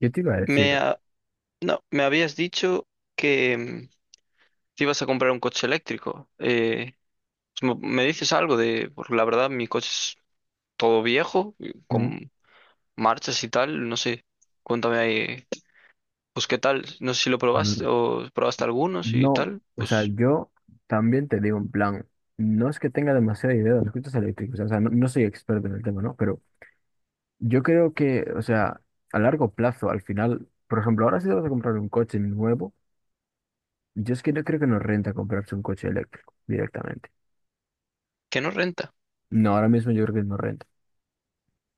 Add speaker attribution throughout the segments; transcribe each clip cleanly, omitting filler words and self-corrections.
Speaker 1: Yo te iba a decir,
Speaker 2: Me, ha- no, me habías dicho que te ibas a comprar un coche eléctrico. Pues ¿me dices algo de, porque la verdad mi coche es todo viejo, y
Speaker 1: mm,
Speaker 2: con marchas y tal, no sé? Cuéntame ahí, pues qué tal, no sé si lo probaste
Speaker 1: am-
Speaker 2: o probaste algunos y
Speaker 1: no,
Speaker 2: tal,
Speaker 1: o sea,
Speaker 2: pues
Speaker 1: yo también te digo en plan, no es que tenga demasiada idea de los coches eléctricos, o sea, no soy experto en el tema, ¿no? Pero yo creo que, o sea, a largo plazo, al final, por ejemplo, ahora si te vas a comprar un coche nuevo, yo es que no creo que nos renta comprarse un coche eléctrico directamente.
Speaker 2: que no renta.
Speaker 1: No, ahora mismo yo creo que no renta.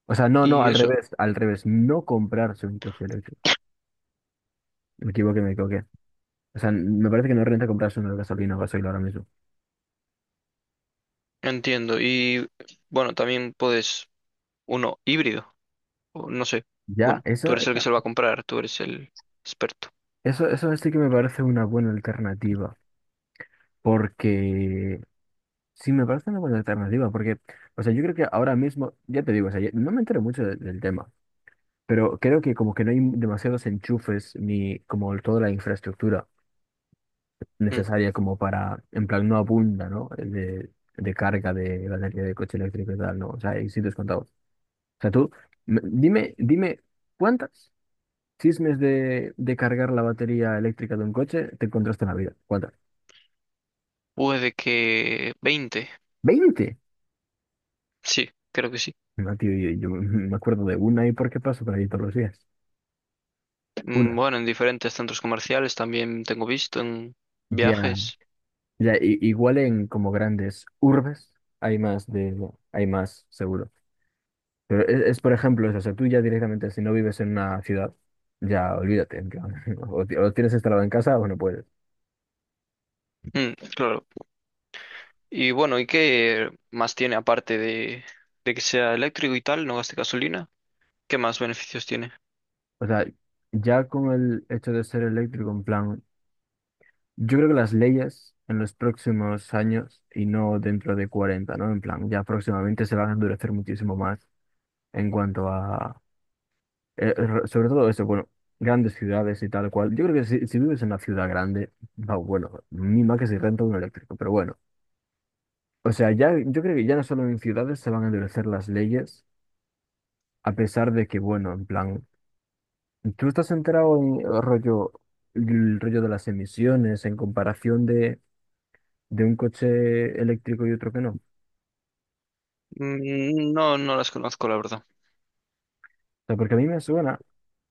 Speaker 1: O sea, no, no,
Speaker 2: Y eso,
Speaker 1: al revés, no comprarse un coche eléctrico. Me equivoqué, me equivoqué. O sea, me parece que no renta comprarse uno de gasolina o gasoil ahora mismo.
Speaker 2: entiendo. Y bueno, también puedes uno híbrido, o no sé.
Speaker 1: Ya,
Speaker 2: Bueno, tú
Speaker 1: eso.
Speaker 2: eres el que se lo va a comprar, tú eres el experto.
Speaker 1: Eso sí que me parece una buena alternativa, porque sí me parece una buena alternativa, porque, o sea, yo creo que ahora mismo, ya te digo, o sea, no me entero mucho del tema, pero creo que como que no hay demasiados enchufes ni como toda la infraestructura
Speaker 2: Mm,
Speaker 1: necesaria como para, en plan, no abunda, ¿no? De carga de batería de coche eléctrico y tal, ¿no? O sea, hay sitios contados. O sea, tú, dime, ¿cuántas chismes de cargar la batería eléctrica de un coche te encontraste en la vida? ¿Cuántas?
Speaker 2: Puede que 20,
Speaker 1: Veinte.
Speaker 2: sí, creo que sí.
Speaker 1: No, tío, yo me acuerdo de una y por qué paso por ahí todos los días. Una.
Speaker 2: Bueno, en diferentes centros comerciales también tengo visto en
Speaker 1: Ya,
Speaker 2: viajes.
Speaker 1: ya, igual en como grandes urbes hay más de, hay más seguro. Pero es, por ejemplo, eso, o sea, tú ya directamente, si no vives en una ciudad, ya olvídate, en plan, o, o tienes instalado en casa o no puedes.
Speaker 2: Mm, claro. Y bueno, ¿y qué más tiene aparte de que sea eléctrico y tal, no gaste gasolina? ¿Qué más beneficios tiene?
Speaker 1: O sea, ya con el hecho de ser eléctrico, en plan, yo creo que las leyes en los próximos años, y no dentro de cuarenta, ¿no? En plan, ya próximamente se van a endurecer muchísimo más en cuanto a... sobre todo eso, bueno, grandes ciudades y tal cual. Yo creo que si, si vives en una ciudad grande, va, bueno, mima que si renta un eléctrico, pero bueno. O sea, ya, yo creo que ya no solo en ciudades se van a endurecer las leyes, a pesar de que, bueno, en plan, tú estás enterado en el rollo de las emisiones en comparación de un coche eléctrico y otro que no. O
Speaker 2: Mm. No, no las conozco, la verdad.
Speaker 1: sea, porque a mí me suena,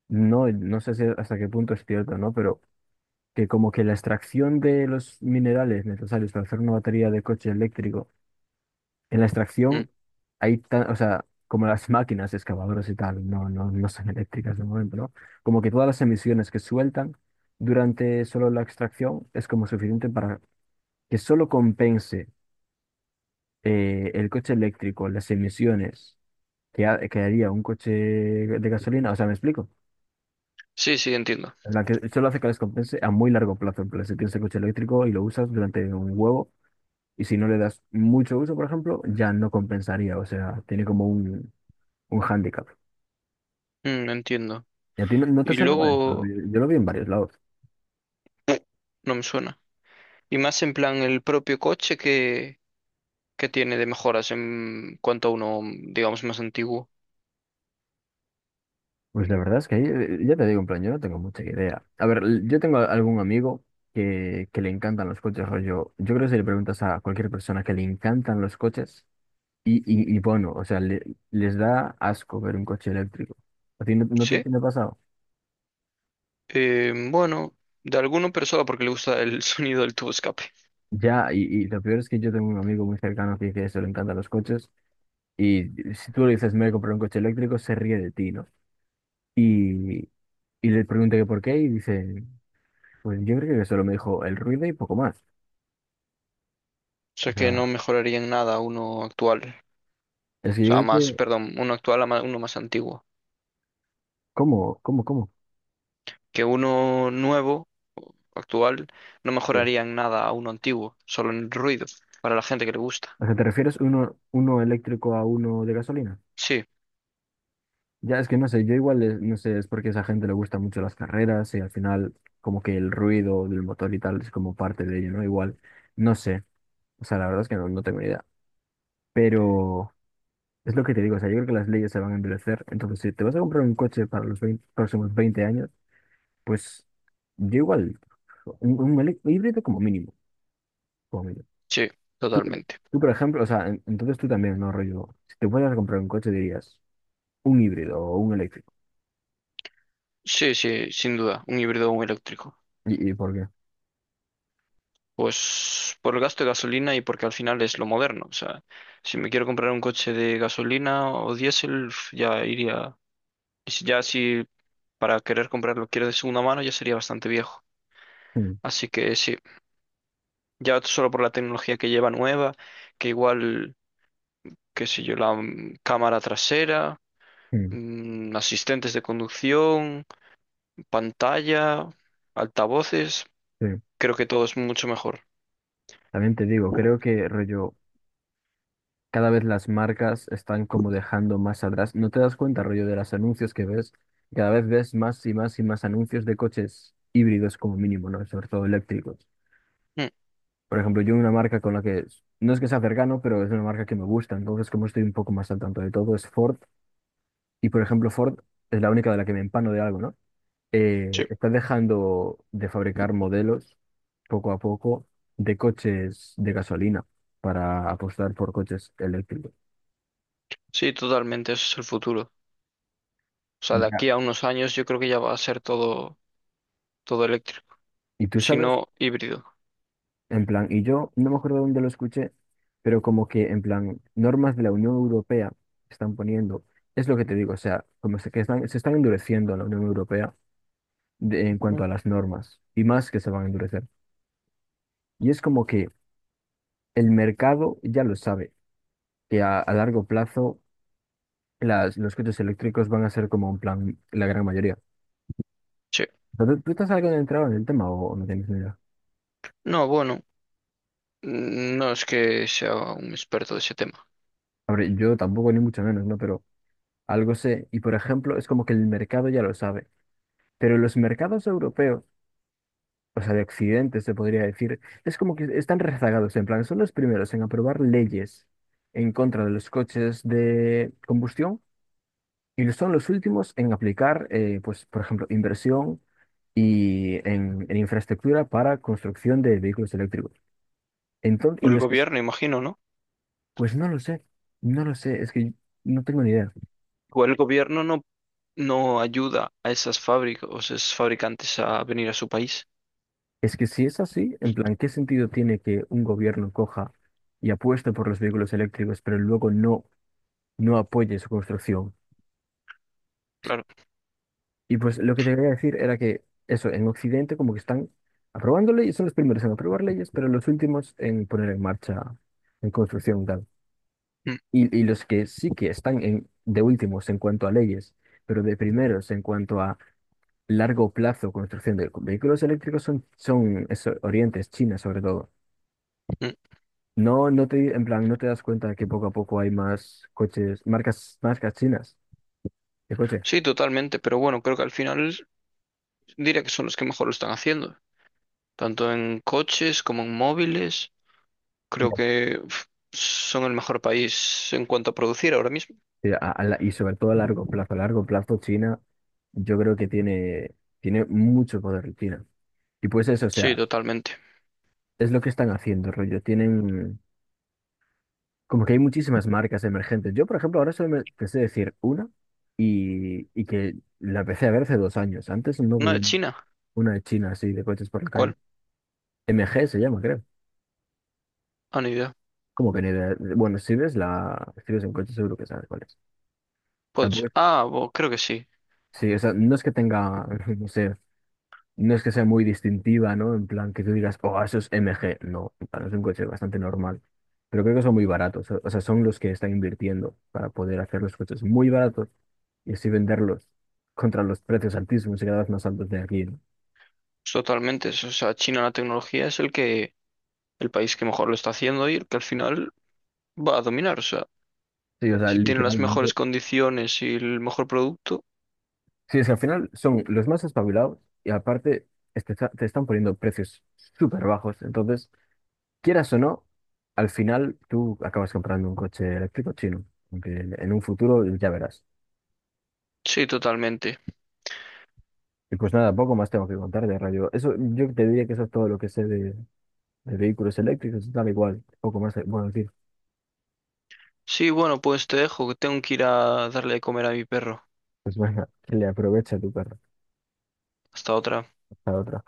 Speaker 1: no sé si hasta qué punto es cierto, ¿no? Pero que como que la extracción de los minerales necesarios para hacer una batería de coche eléctrico, en la
Speaker 2: Mm.
Speaker 1: extracción hay tan, o sea, como las máquinas excavadoras y tal, no son eléctricas de momento, ¿no? Como que todas las emisiones que sueltan durante solo la extracción es como suficiente para que solo compense, el coche eléctrico, las emisiones que haría un coche de gasolina, o sea, ¿me explico?
Speaker 2: Sí, sí, entiendo.
Speaker 1: La que solo hace que les compense a muy largo plazo, en plan, si tienes el coche eléctrico y lo usas durante un huevo. Y si no le das mucho uso, por ejemplo, ya no compensaría. O sea, tiene como un hándicap.
Speaker 2: Mm, entiendo.
Speaker 1: ¿Y a ti no, no te
Speaker 2: Y
Speaker 1: sonaba esto?
Speaker 2: luego
Speaker 1: Yo lo vi en varios lados.
Speaker 2: no me suena. Y más en plan el propio coche que tiene de mejoras en cuanto a uno, digamos, más antiguo.
Speaker 1: Pues la verdad es que ahí, ya te digo, en plan, yo no tengo mucha idea. A ver, yo tengo algún amigo que le encantan los coches, rollo. Yo creo que si le preguntas a cualquier persona que le encantan los coches, y bueno, o sea, les da asco ver un coche eléctrico. ¿A ti no, no
Speaker 2: Sí.
Speaker 1: te ha pasado?
Speaker 2: Bueno, de alguno, pero solo porque le gusta el sonido del tubo escape.
Speaker 1: Ya, y lo peor es que yo tengo un amigo muy cercano que dice eso, le encantan los coches. Y si tú le dices, me voy a comprar un coche eléctrico, se ríe de ti, ¿no? Y, y le pregunté que por qué y dice, pues yo creo que solo me dijo el ruido y poco más.
Speaker 2: O sea
Speaker 1: O
Speaker 2: que no
Speaker 1: sea,
Speaker 2: mejoraría en nada uno actual.
Speaker 1: es que
Speaker 2: O
Speaker 1: yo
Speaker 2: sea,
Speaker 1: creo
Speaker 2: más,
Speaker 1: que...
Speaker 2: perdón, uno actual a ma- uno más antiguo.
Speaker 1: ¿Cómo? ¿Cómo?
Speaker 2: Que uno nuevo, actual, no
Speaker 1: Eh,
Speaker 2: mejoraría en nada a uno antiguo, solo en el ruido, para la gente que le gusta.
Speaker 1: O sea, ¿te refieres uno, uno eléctrico a uno de gasolina?
Speaker 2: Sí,
Speaker 1: Ya, es que no sé, yo igual, no sé, es porque a esa gente le gustan mucho las carreras y al final como que el ruido del motor y tal es como parte de ello, ¿no? Igual, no sé, o sea, la verdad es que no, no tengo ni idea. Pero es lo que te digo, o sea, yo creo que las leyes se van a endurecer. Entonces, si te vas a comprar un coche para los 20 próximos 20 años, pues yo igual, un híbrido como mínimo, como mínimo.
Speaker 2: sí,
Speaker 1: Tú, por-
Speaker 2: totalmente.
Speaker 1: tú, por ejemplo, o sea, entonces tú también, no, rollo, si te fueras a comprar un coche dirías un híbrido o un eléctrico.
Speaker 2: Sí, sí, sin duda, un híbrido o un eléctrico.
Speaker 1: Y por qué?
Speaker 2: Pues por el gasto de gasolina y porque al final es lo moderno. O sea, si me quiero comprar un coche de gasolina o diésel, uf, ya iría. Ya si para querer comprarlo quiero de segunda mano, ya sería bastante viejo.
Speaker 1: Mm,
Speaker 2: Así que sí, ya solo por la tecnología que lleva nueva, que igual, qué sé yo, la cámara trasera,
Speaker 1: mm,
Speaker 2: asistentes de conducción, pantalla, altavoces,
Speaker 1: sí.
Speaker 2: creo que todo es mucho mejor.
Speaker 1: También te digo, creo que rollo cada vez las marcas están como dejando más atrás. No te das cuenta, rollo, de los anuncios que ves. Cada vez ves más y más y más anuncios de coches híbridos como mínimo, ¿no? Sobre todo eléctricos.
Speaker 2: Mm,
Speaker 1: Por ejemplo, yo una marca con la que no es que sea cercano, pero es una marca que me gusta. Entonces, como estoy un poco más al tanto de todo, es Ford. Y por ejemplo, Ford es la única de la que me empano de algo, ¿no?
Speaker 2: sí.
Speaker 1: Está dejando de fabricar modelos poco a poco de coches de gasolina para apostar por coches eléctricos.
Speaker 2: Sí, totalmente, eso es el futuro. O sea, de
Speaker 1: Ya.
Speaker 2: aquí a unos años yo creo que ya va a ser todo, todo eléctrico,
Speaker 1: ¿Y tú
Speaker 2: si
Speaker 1: sabes?
Speaker 2: no híbrido.
Speaker 1: En plan, y yo no me acuerdo dónde lo escuché, pero como que en plan, normas de la Unión Europea están poniendo, es lo que te digo, o sea, como que están, se están endureciendo en la Unión Europea en cuanto
Speaker 2: Ujú.
Speaker 1: a las normas, y más que se van a endurecer. Y es como que el mercado ya lo sabe, que a largo plazo las, los coches eléctricos van a ser como en plan la gran mayoría.
Speaker 2: Sí.
Speaker 1: Pero ¿tú, tú estás algo entrado en el tema o no tienes ni idea?
Speaker 2: No, bueno, no es que sea un experto de ese tema.
Speaker 1: A ver, yo tampoco ni mucho menos, ¿no? Pero algo sé, y por ejemplo, es como que el mercado ya lo sabe. Pero los mercados europeos, o sea, de Occidente se podría decir, es como que están rezagados, en plan, son los primeros en aprobar leyes en contra de los coches de combustión y son los últimos en aplicar, pues, por ejemplo, inversión y en infraestructura para construcción de vehículos eléctricos. Entonces,
Speaker 2: Por el gobierno, imagino, ¿no?
Speaker 1: pues no lo sé, no lo sé, es que no tengo ni idea.
Speaker 2: Igual el gobierno no, no ayuda a esas fábricas, o esos fabricantes a venir a su país.
Speaker 1: Es que si es así, en plan, ¿qué sentido tiene que un gobierno coja y apueste por los vehículos eléctricos, pero luego no apoye su construcción?
Speaker 2: Claro.
Speaker 1: Y pues lo que te quería decir era que eso, en Occidente como que están aprobando leyes, son los primeros en aprobar leyes, pero los últimos en poner en marcha, en construcción tal.
Speaker 2: Mm,
Speaker 1: Y los que sí que están en, de últimos en cuanto a leyes, pero de primeros en cuanto a largo plazo construcción de vehículos eléctricos son, son eso, Oriente, es China sobre todo.
Speaker 2: mm.
Speaker 1: No, en plan, no te das cuenta de que poco a poco hay más coches, marcas, marcas chinas de coche.
Speaker 2: Sí, totalmente, pero bueno, creo que al final diría que son los que mejor lo están haciendo, tanto en coches como en móviles. Creo que uf, son el mejor país en cuanto a producir ahora mismo.
Speaker 1: Sí, y sobre todo a largo plazo. A largo plazo, China, yo creo que tiene, tiene mucho poder China. Y pues eso, o
Speaker 2: Sí,
Speaker 1: sea,
Speaker 2: totalmente.
Speaker 1: es lo que están haciendo, rollo. Tienen, como que hay muchísimas marcas emergentes. Yo, por ejemplo, ahora solo me te sé decir una y que la empecé a ver hace dos años. Antes no
Speaker 2: ¿No de
Speaker 1: veía
Speaker 2: China?
Speaker 1: una de China así de coches por la calle.
Speaker 2: ¿Cuál?
Speaker 1: MG se llama, creo.
Speaker 2: Ah, ni idea.
Speaker 1: Como que ni idea. Bueno, si ves la, si ves un coche seguro que sabes cuál es.
Speaker 2: Puede ser.
Speaker 1: Tampoco es-
Speaker 2: Ah, creo que sí.
Speaker 1: sí, o sea, no es que tenga, no sé, no es que sea muy distintiva, ¿no? En plan, que tú digas, oh, eso es MG. No, en plan, es un coche bastante normal. Pero creo que son muy baratos. O sea, son los que están invirtiendo para poder hacer los coches muy baratos y así venderlos contra los precios altísimos y cada vez más altos de aquí, ¿no?
Speaker 2: Totalmente. O sea, China en la tecnología es el que, el país que mejor lo está haciendo y el que al final va a dominar. O sea,
Speaker 1: Sí, o sea,
Speaker 2: si tiene las mejores
Speaker 1: literalmente.
Speaker 2: condiciones y el mejor producto,
Speaker 1: Sí, es que al final son los más espabilados y aparte es que te están poniendo precios súper bajos. Entonces, quieras o no, al final tú acabas comprando un coche eléctrico chino. Aunque en un futuro ya verás.
Speaker 2: sí, totalmente.
Speaker 1: Y pues nada, poco más tengo que contar de rayo. Eso, yo te diría que eso es todo lo que sé de vehículos eléctricos, tal igual, poco más te puedo decir.
Speaker 2: Sí, bueno, pues te dejo, que tengo que ir a darle de comer a mi perro.
Speaker 1: Pues venga, que le aprovecha tu perro.
Speaker 2: Hasta otra.
Speaker 1: Hasta otra.